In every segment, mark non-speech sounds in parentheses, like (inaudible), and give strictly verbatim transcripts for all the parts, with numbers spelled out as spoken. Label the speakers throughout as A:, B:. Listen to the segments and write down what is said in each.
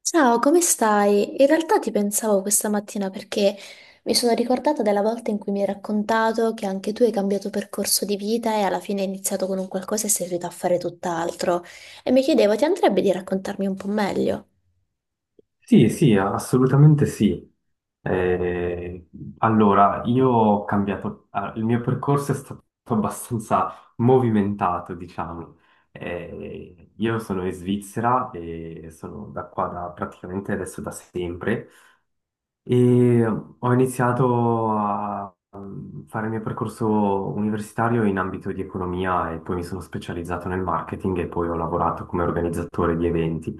A: Ciao, come stai? In realtà ti pensavo questa mattina perché mi sono ricordata della volta in cui mi hai raccontato che anche tu hai cambiato percorso di vita e alla fine hai iniziato con un qualcosa e sei riuscita a fare tutt'altro. E mi chiedevo, ti andrebbe di raccontarmi un po' meglio?
B: Sì, sì, assolutamente sì. Eh, allora, io ho cambiato, ah, il mio percorso è stato abbastanza movimentato, diciamo. Eh, io sono in Svizzera e sono da qua da, praticamente adesso da sempre, e ho iniziato a mm, fare il mio percorso universitario in ambito di economia e poi mi sono specializzato nel marketing e poi ho lavorato come organizzatore di eventi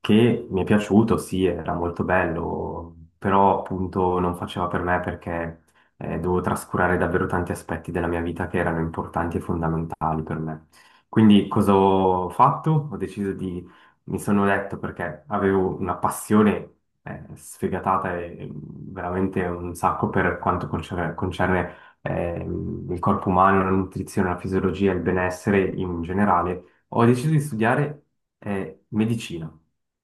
B: che mi è piaciuto, sì, era molto bello, però appunto non faceva per me perché eh, dovevo trascurare davvero tanti aspetti della mia vita che erano importanti e fondamentali per me. Quindi cosa ho fatto? Ho deciso di, mi sono detto, perché avevo una passione eh, sfegatata e e veramente un sacco per quanto concerne, concerne, ehm, il corpo umano, la nutrizione, la fisiologia, il benessere in generale, ho deciso di studiare eh, medicina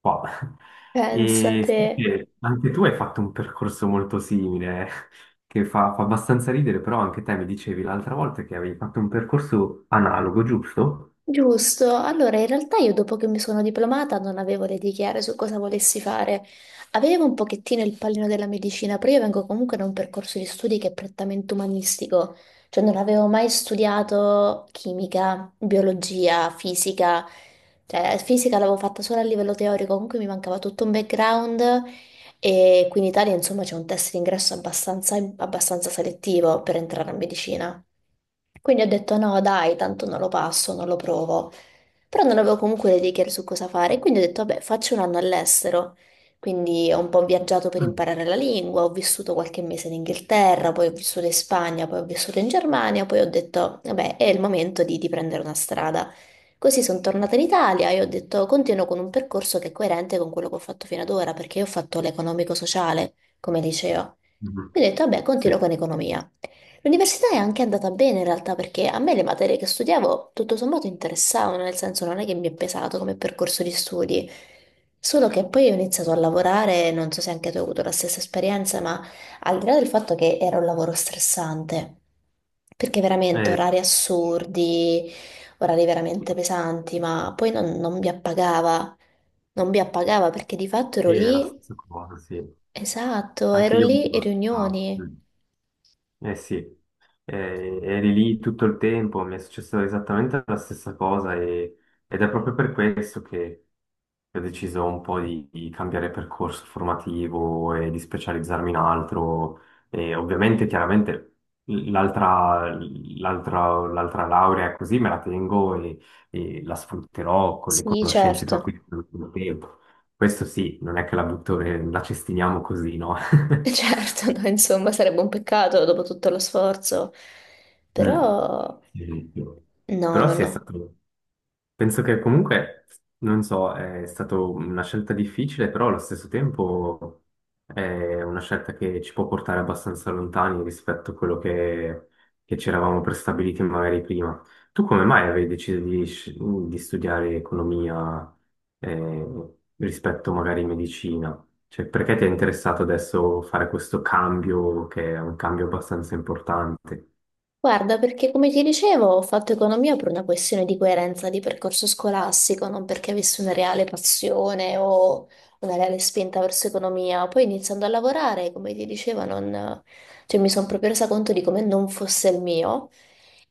B: qua. (laughs) E
A: Pensate.
B: so che anche tu hai fatto un percorso molto simile, (laughs) che fa, fa abbastanza ridere, però anche te mi dicevi l'altra volta che avevi fatto un percorso analogo, giusto?
A: Giusto, allora in realtà io dopo che mi sono diplomata non avevo le idee chiare su cosa volessi fare. Avevo un pochettino il pallino della medicina, però io vengo comunque da un percorso di studi che è prettamente umanistico, cioè non avevo mai studiato chimica, biologia, fisica, cioè fisica l'avevo fatta solo a livello teorico, comunque mi mancava tutto un background e qui in Italia insomma c'è un test d'ingresso abbastanza, abbastanza selettivo per entrare a medicina. Quindi ho detto no, dai, tanto non lo passo, non lo provo. Però non avevo comunque le idee chiare su cosa fare, quindi ho detto, vabbè, faccio un anno all'estero. Quindi ho un po' viaggiato per
B: Mm.
A: imparare la lingua, ho vissuto qualche mese in Inghilterra, poi ho vissuto in Spagna, poi ho vissuto in Germania, poi ho detto, vabbè, è il momento di, di prendere una strada. Così sono tornata in Italia e ho detto, continuo con un percorso che è coerente con quello che ho fatto fino ad ora, perché io ho fatto l'economico-sociale come liceo.
B: Mhm.
A: Quindi ho detto, vabbè, continuo
B: Sì.
A: con economia. L'università è anche andata bene in realtà perché a me le materie che studiavo tutto sommato interessavano, nel senso non è che mi è pesato come percorso di studi, solo che poi ho iniziato a lavorare, non so se anche tu hai avuto la stessa esperienza, ma al di là del fatto che era un lavoro stressante, perché veramente
B: Eh,
A: orari assurdi, orari veramente pesanti, ma poi non, non mi appagava, non mi appagava perché di fatto ero
B: sì, è la
A: lì,
B: stessa cosa, sì.
A: esatto,
B: Anche
A: ero
B: io mi
A: lì
B: lo
A: in
B: aspettavo.
A: riunioni.
B: Eh sì, eh, eri lì tutto il tempo, mi è successa esattamente la stessa cosa e- ed è proprio per questo che ho deciso un po' di, di cambiare percorso formativo e di specializzarmi in altro. E ovviamente, chiaramente, l'altra l'altra- l'altra laurea così me la tengo, e, e la sfrutterò con le
A: Sì,
B: conoscenze che ho
A: certo.
B: acquisito nell'ultimo tempo. Questo sì, non è che la butto, e la cestiniamo così, no?
A: (laughs)
B: (laughs)
A: Certo, no, insomma, sarebbe un peccato dopo tutto lo sforzo,
B: Mm.
A: però
B: Di più.
A: no,
B: Però
A: no,
B: sì, è
A: no.
B: stato, penso che comunque, non so, è stata una scelta difficile, però allo stesso tempo è una scelta che ci può portare abbastanza lontani rispetto a quello che, che ci eravamo prestabiliti magari prima. Tu come mai avevi deciso di, sci- di studiare economia eh, rispetto magari medicina? Cioè, perché ti è interessato adesso fare questo cambio, che è un cambio abbastanza importante?
A: Guarda, perché come ti dicevo, ho fatto economia per una questione di coerenza di percorso scolastico, non perché avessi una reale passione o una reale spinta verso economia. Poi iniziando a lavorare, come ti dicevo, non- cioè, mi sono proprio resa conto di come non fosse il mio.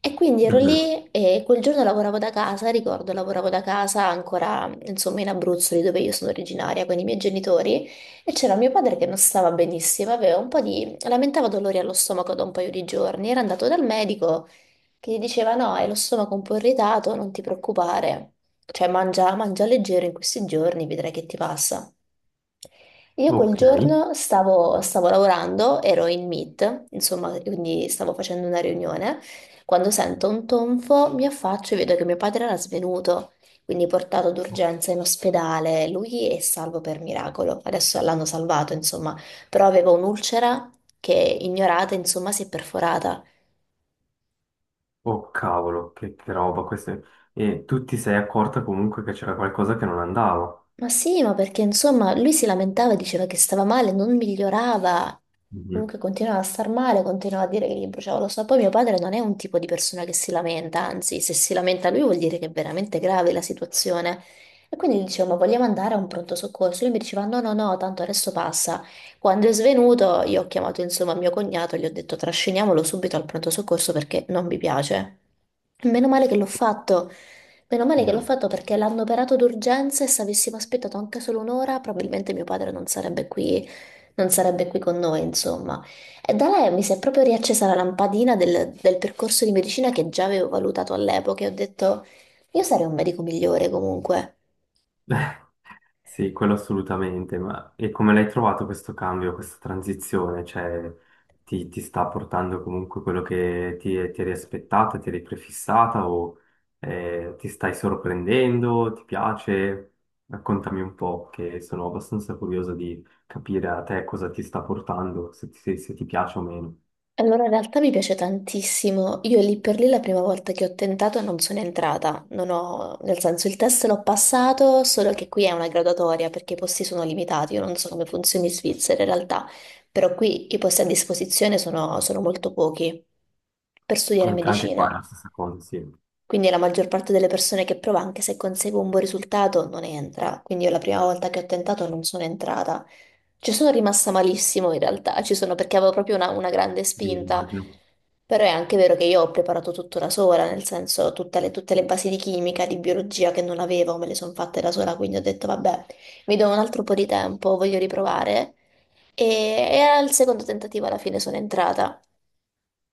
A: E quindi ero
B: Mhm.
A: lì e quel giorno lavoravo da casa, ricordo, lavoravo da casa ancora, insomma, in Abruzzo, lì dove io sono originaria, con i miei genitori. E c'era mio padre che non stava benissimo, aveva un po' di... lamentava dolori allo stomaco da un paio di giorni. Era andato dal medico che gli diceva: No, hai lo stomaco un po' irritato, non ti preoccupare. Cioè, mangia, mangia leggero in questi giorni, vedrai che ti passa. Io quel
B: Ok.
A: giorno stavo, stavo lavorando, ero in meet, insomma, quindi stavo facendo una riunione. Quando sento un tonfo, mi affaccio e vedo che mio padre era svenuto, quindi portato d'urgenza in ospedale. Lui è salvo per miracolo. Adesso l'hanno salvato, insomma, però aveva un'ulcera che ignorata, insomma, si è perforata.
B: Oh cavolo, che, che roba questa. E tu ti sei accorta comunque che c'era qualcosa che non andava.
A: Ma sì, ma perché insomma lui si lamentava, diceva che stava male, non migliorava,
B: Mhm.
A: comunque continuava a star male, continuava a dire che gli bruciava lo so. Poi mio padre non è un tipo di persona che si lamenta, anzi, se si lamenta lui vuol dire che è veramente grave la situazione. E quindi gli dicevo, ma vogliamo andare a un pronto soccorso? Lui mi diceva, no, no, no, tanto adesso passa. Quando è svenuto, io ho chiamato insomma mio cognato e gli ho detto, trasciniamolo subito al pronto soccorso perché non mi piace. Meno male che l'ho fatto. Meno male che l'ho
B: Mm.
A: fatto perché l'hanno operato d'urgenza e se avessimo aspettato anche solo un'ora, probabilmente mio padre non sarebbe qui, non sarebbe qui con noi, insomma. E da lei mi si è proprio riaccesa la lampadina del, del percorso di medicina che già avevo valutato all'epoca e ho detto, io sarei un medico migliore comunque.
B: (laughs) Sì, quello assolutamente. Ma e come l'hai trovato questo cambio, questa transizione? Cioè, ti, ti sta portando comunque quello che ti, ti eri aspettata, ti eri prefissata o eh, ti stai sorprendendo? Ti piace? Raccontami un po', che sono abbastanza curioso di capire a te cosa ti sta portando, se ti se- se ti piace o meno.
A: Allora, in realtà mi piace tantissimo. Io lì per lì la prima volta che ho tentato non sono entrata, non ho, nel senso il test l'ho passato, solo che qui è una graduatoria perché i posti sono limitati, io non so come funzioni in Svizzera in realtà, però qui i posti a disposizione sono, sono molto pochi per studiare
B: Anche anche qua è
A: medicina.
B: la stessa cosa, sì. Io
A: Quindi la maggior parte delle persone che prova, anche se consegue un buon risultato, non entra. Quindi io la prima volta che ho tentato non sono entrata. Ci sono rimasta malissimo in realtà, ci sono perché avevo proprio una, una grande spinta,
B: immagino.
A: però è anche vero che io ho preparato tutto da sola, nel senso tutte le, tutte le basi di chimica, di biologia che non avevo, me le sono fatte da sola, quindi ho detto vabbè, mi do un altro po' di tempo, voglio riprovare e, e al secondo tentativo alla fine sono entrata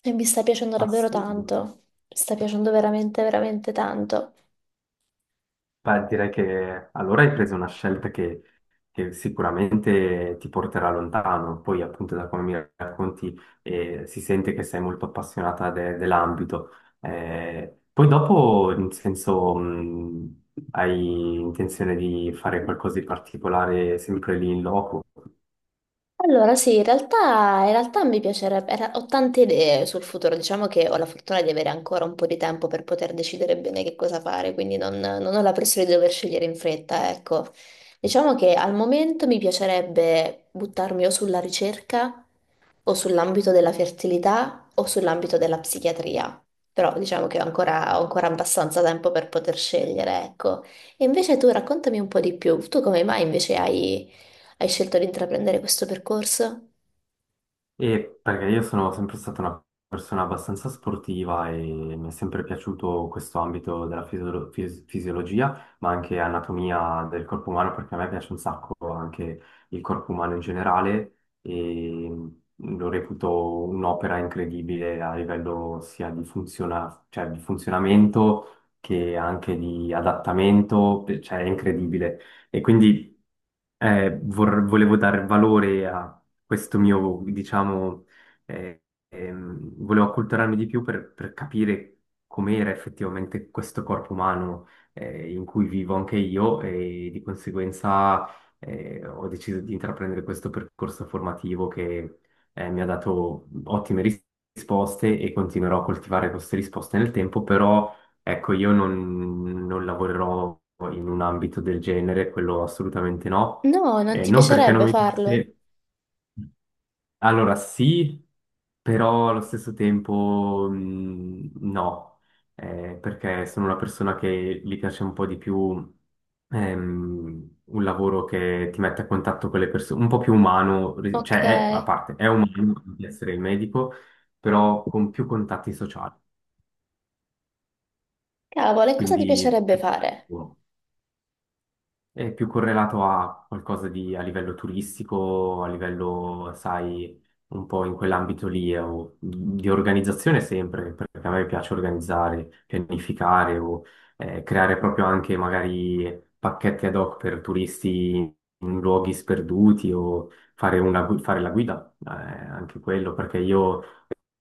A: e mi sta piacendo davvero
B: Assurdo.
A: tanto, mi sta piacendo veramente, veramente tanto.
B: Beh, direi che allora hai preso una scelta che, che sicuramente ti porterà lontano. Poi, appunto, da come mi racconti, eh, si sente che sei molto appassionata de- dell'ambito. Eh, poi dopo, nel senso, mh, hai intenzione di fare qualcosa di particolare sempre lì in loco?
A: Allora, sì, in realtà, in realtà mi piacerebbe, era- ho tante idee sul futuro, diciamo che ho la fortuna di avere ancora un po' di tempo per poter decidere bene che cosa fare, quindi non, non ho la pressione di dover scegliere in fretta, ecco. Diciamo che al momento mi piacerebbe buttarmi o sulla ricerca, o sull'ambito della fertilità, o sull'ambito della psichiatria, però diciamo che ho ancora, ho ancora abbastanza tempo per poter scegliere, ecco. E invece tu raccontami un po' di più, tu come mai invece hai... Hai scelto di intraprendere questo percorso?
B: E perché io sono sempre stata una persona abbastanza sportiva e mi è sempre piaciuto questo ambito della fisiolo- fis- fisiologia, ma anche anatomia del corpo umano, perché a me piace un sacco anche il corpo umano in generale e lo reputo un'opera incredibile a livello sia di funziona- cioè di funzionamento che anche di adattamento, cioè è incredibile. E quindi eh, vor- volevo dare valore a questo mio, diciamo, eh, ehm, volevo acculturarmi di più per, per capire com'era effettivamente questo corpo umano eh, in cui vivo anche io e di conseguenza eh, ho deciso di intraprendere questo percorso formativo che eh, mi ha dato ottime ris- risposte e continuerò a coltivare queste risposte nel tempo, però ecco, io non non lavorerò in un ambito del genere, quello assolutamente no.
A: No, non
B: Eh,
A: ti
B: non perché non
A: piacerebbe
B: mi
A: farlo.
B: piace, allora sì, però allo stesso tempo mh, no. Eh, perché sono una persona che gli piace un po' di più, ehm, un lavoro che ti mette a contatto con le persone, un po' più umano, ri-
A: Ok,
B: cioè è, a parte, è umano di essere il medico, però con più contatti sociali,
A: cavolo, e cosa ti
B: quindi
A: piacerebbe
B: più...
A: fare?
B: È più correlato a qualcosa di, a livello turistico, a livello, sai, un po' in quell'ambito lì, eh, o di organizzazione sempre, perché a me piace organizzare, pianificare o eh, creare proprio anche magari pacchetti ad hoc per turisti in luoghi sperduti o fare, una, gui- fare la guida, eh, anche quello, perché io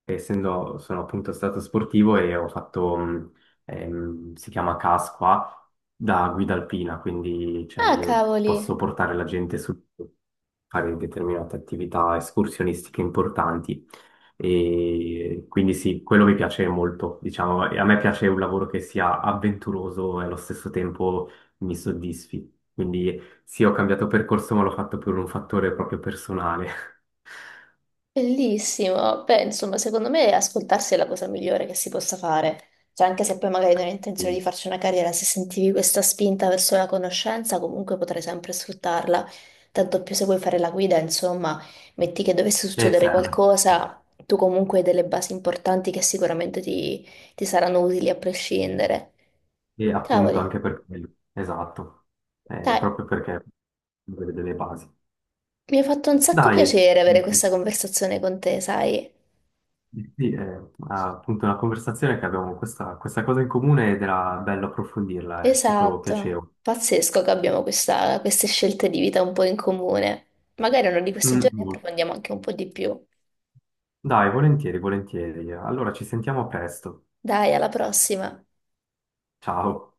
B: essendo sono appunto stato sportivo e ho fatto, mh, ehm, si chiama C A S qua, da guida alpina, quindi cioè,
A: Ah,
B: io
A: cavoli,
B: posso portare la gente su fare determinate attività escursionistiche importanti. E quindi sì, quello mi piace molto, diciamo, e a me piace un lavoro che sia avventuroso e allo stesso tempo mi soddisfi. Quindi sì, ho cambiato percorso, ma l'ho fatto per un fattore proprio personale. (laughs)
A: bellissimo. Beh, insomma, secondo me ascoltarsi è la cosa migliore che si possa fare. Cioè, anche se poi magari non hai intenzione di
B: Sì,
A: farci una carriera, se sentivi questa spinta verso la conoscenza, comunque potrai sempre sfruttarla. Tanto più se vuoi fare la guida, insomma, metti che dovesse
B: e
A: succedere
B: serve.
A: qualcosa, tu comunque hai delle basi importanti che sicuramente ti ti saranno utili a prescindere.
B: E appunto anche
A: Cavoli,
B: per quello, esatto. Eh,
A: dai,
B: proprio perché deve delle basi.
A: mi ha fatto un sacco
B: Dai,
A: piacere avere questa conversazione con te, sai?
B: sì, è appunto una conversazione, che abbiamo questa, questa cosa in comune ed era bello approfondirla, è stato
A: Esatto,
B: piacevole.
A: pazzesco che abbiamo questa- queste scelte di vita un po' in comune. Magari uno di questi
B: Mm,
A: giorni
B: mm.
A: approfondiamo anche un po' di più.
B: Dai, volentieri, volentieri. Allora ci sentiamo presto.
A: Dai, alla prossima.
B: Ciao.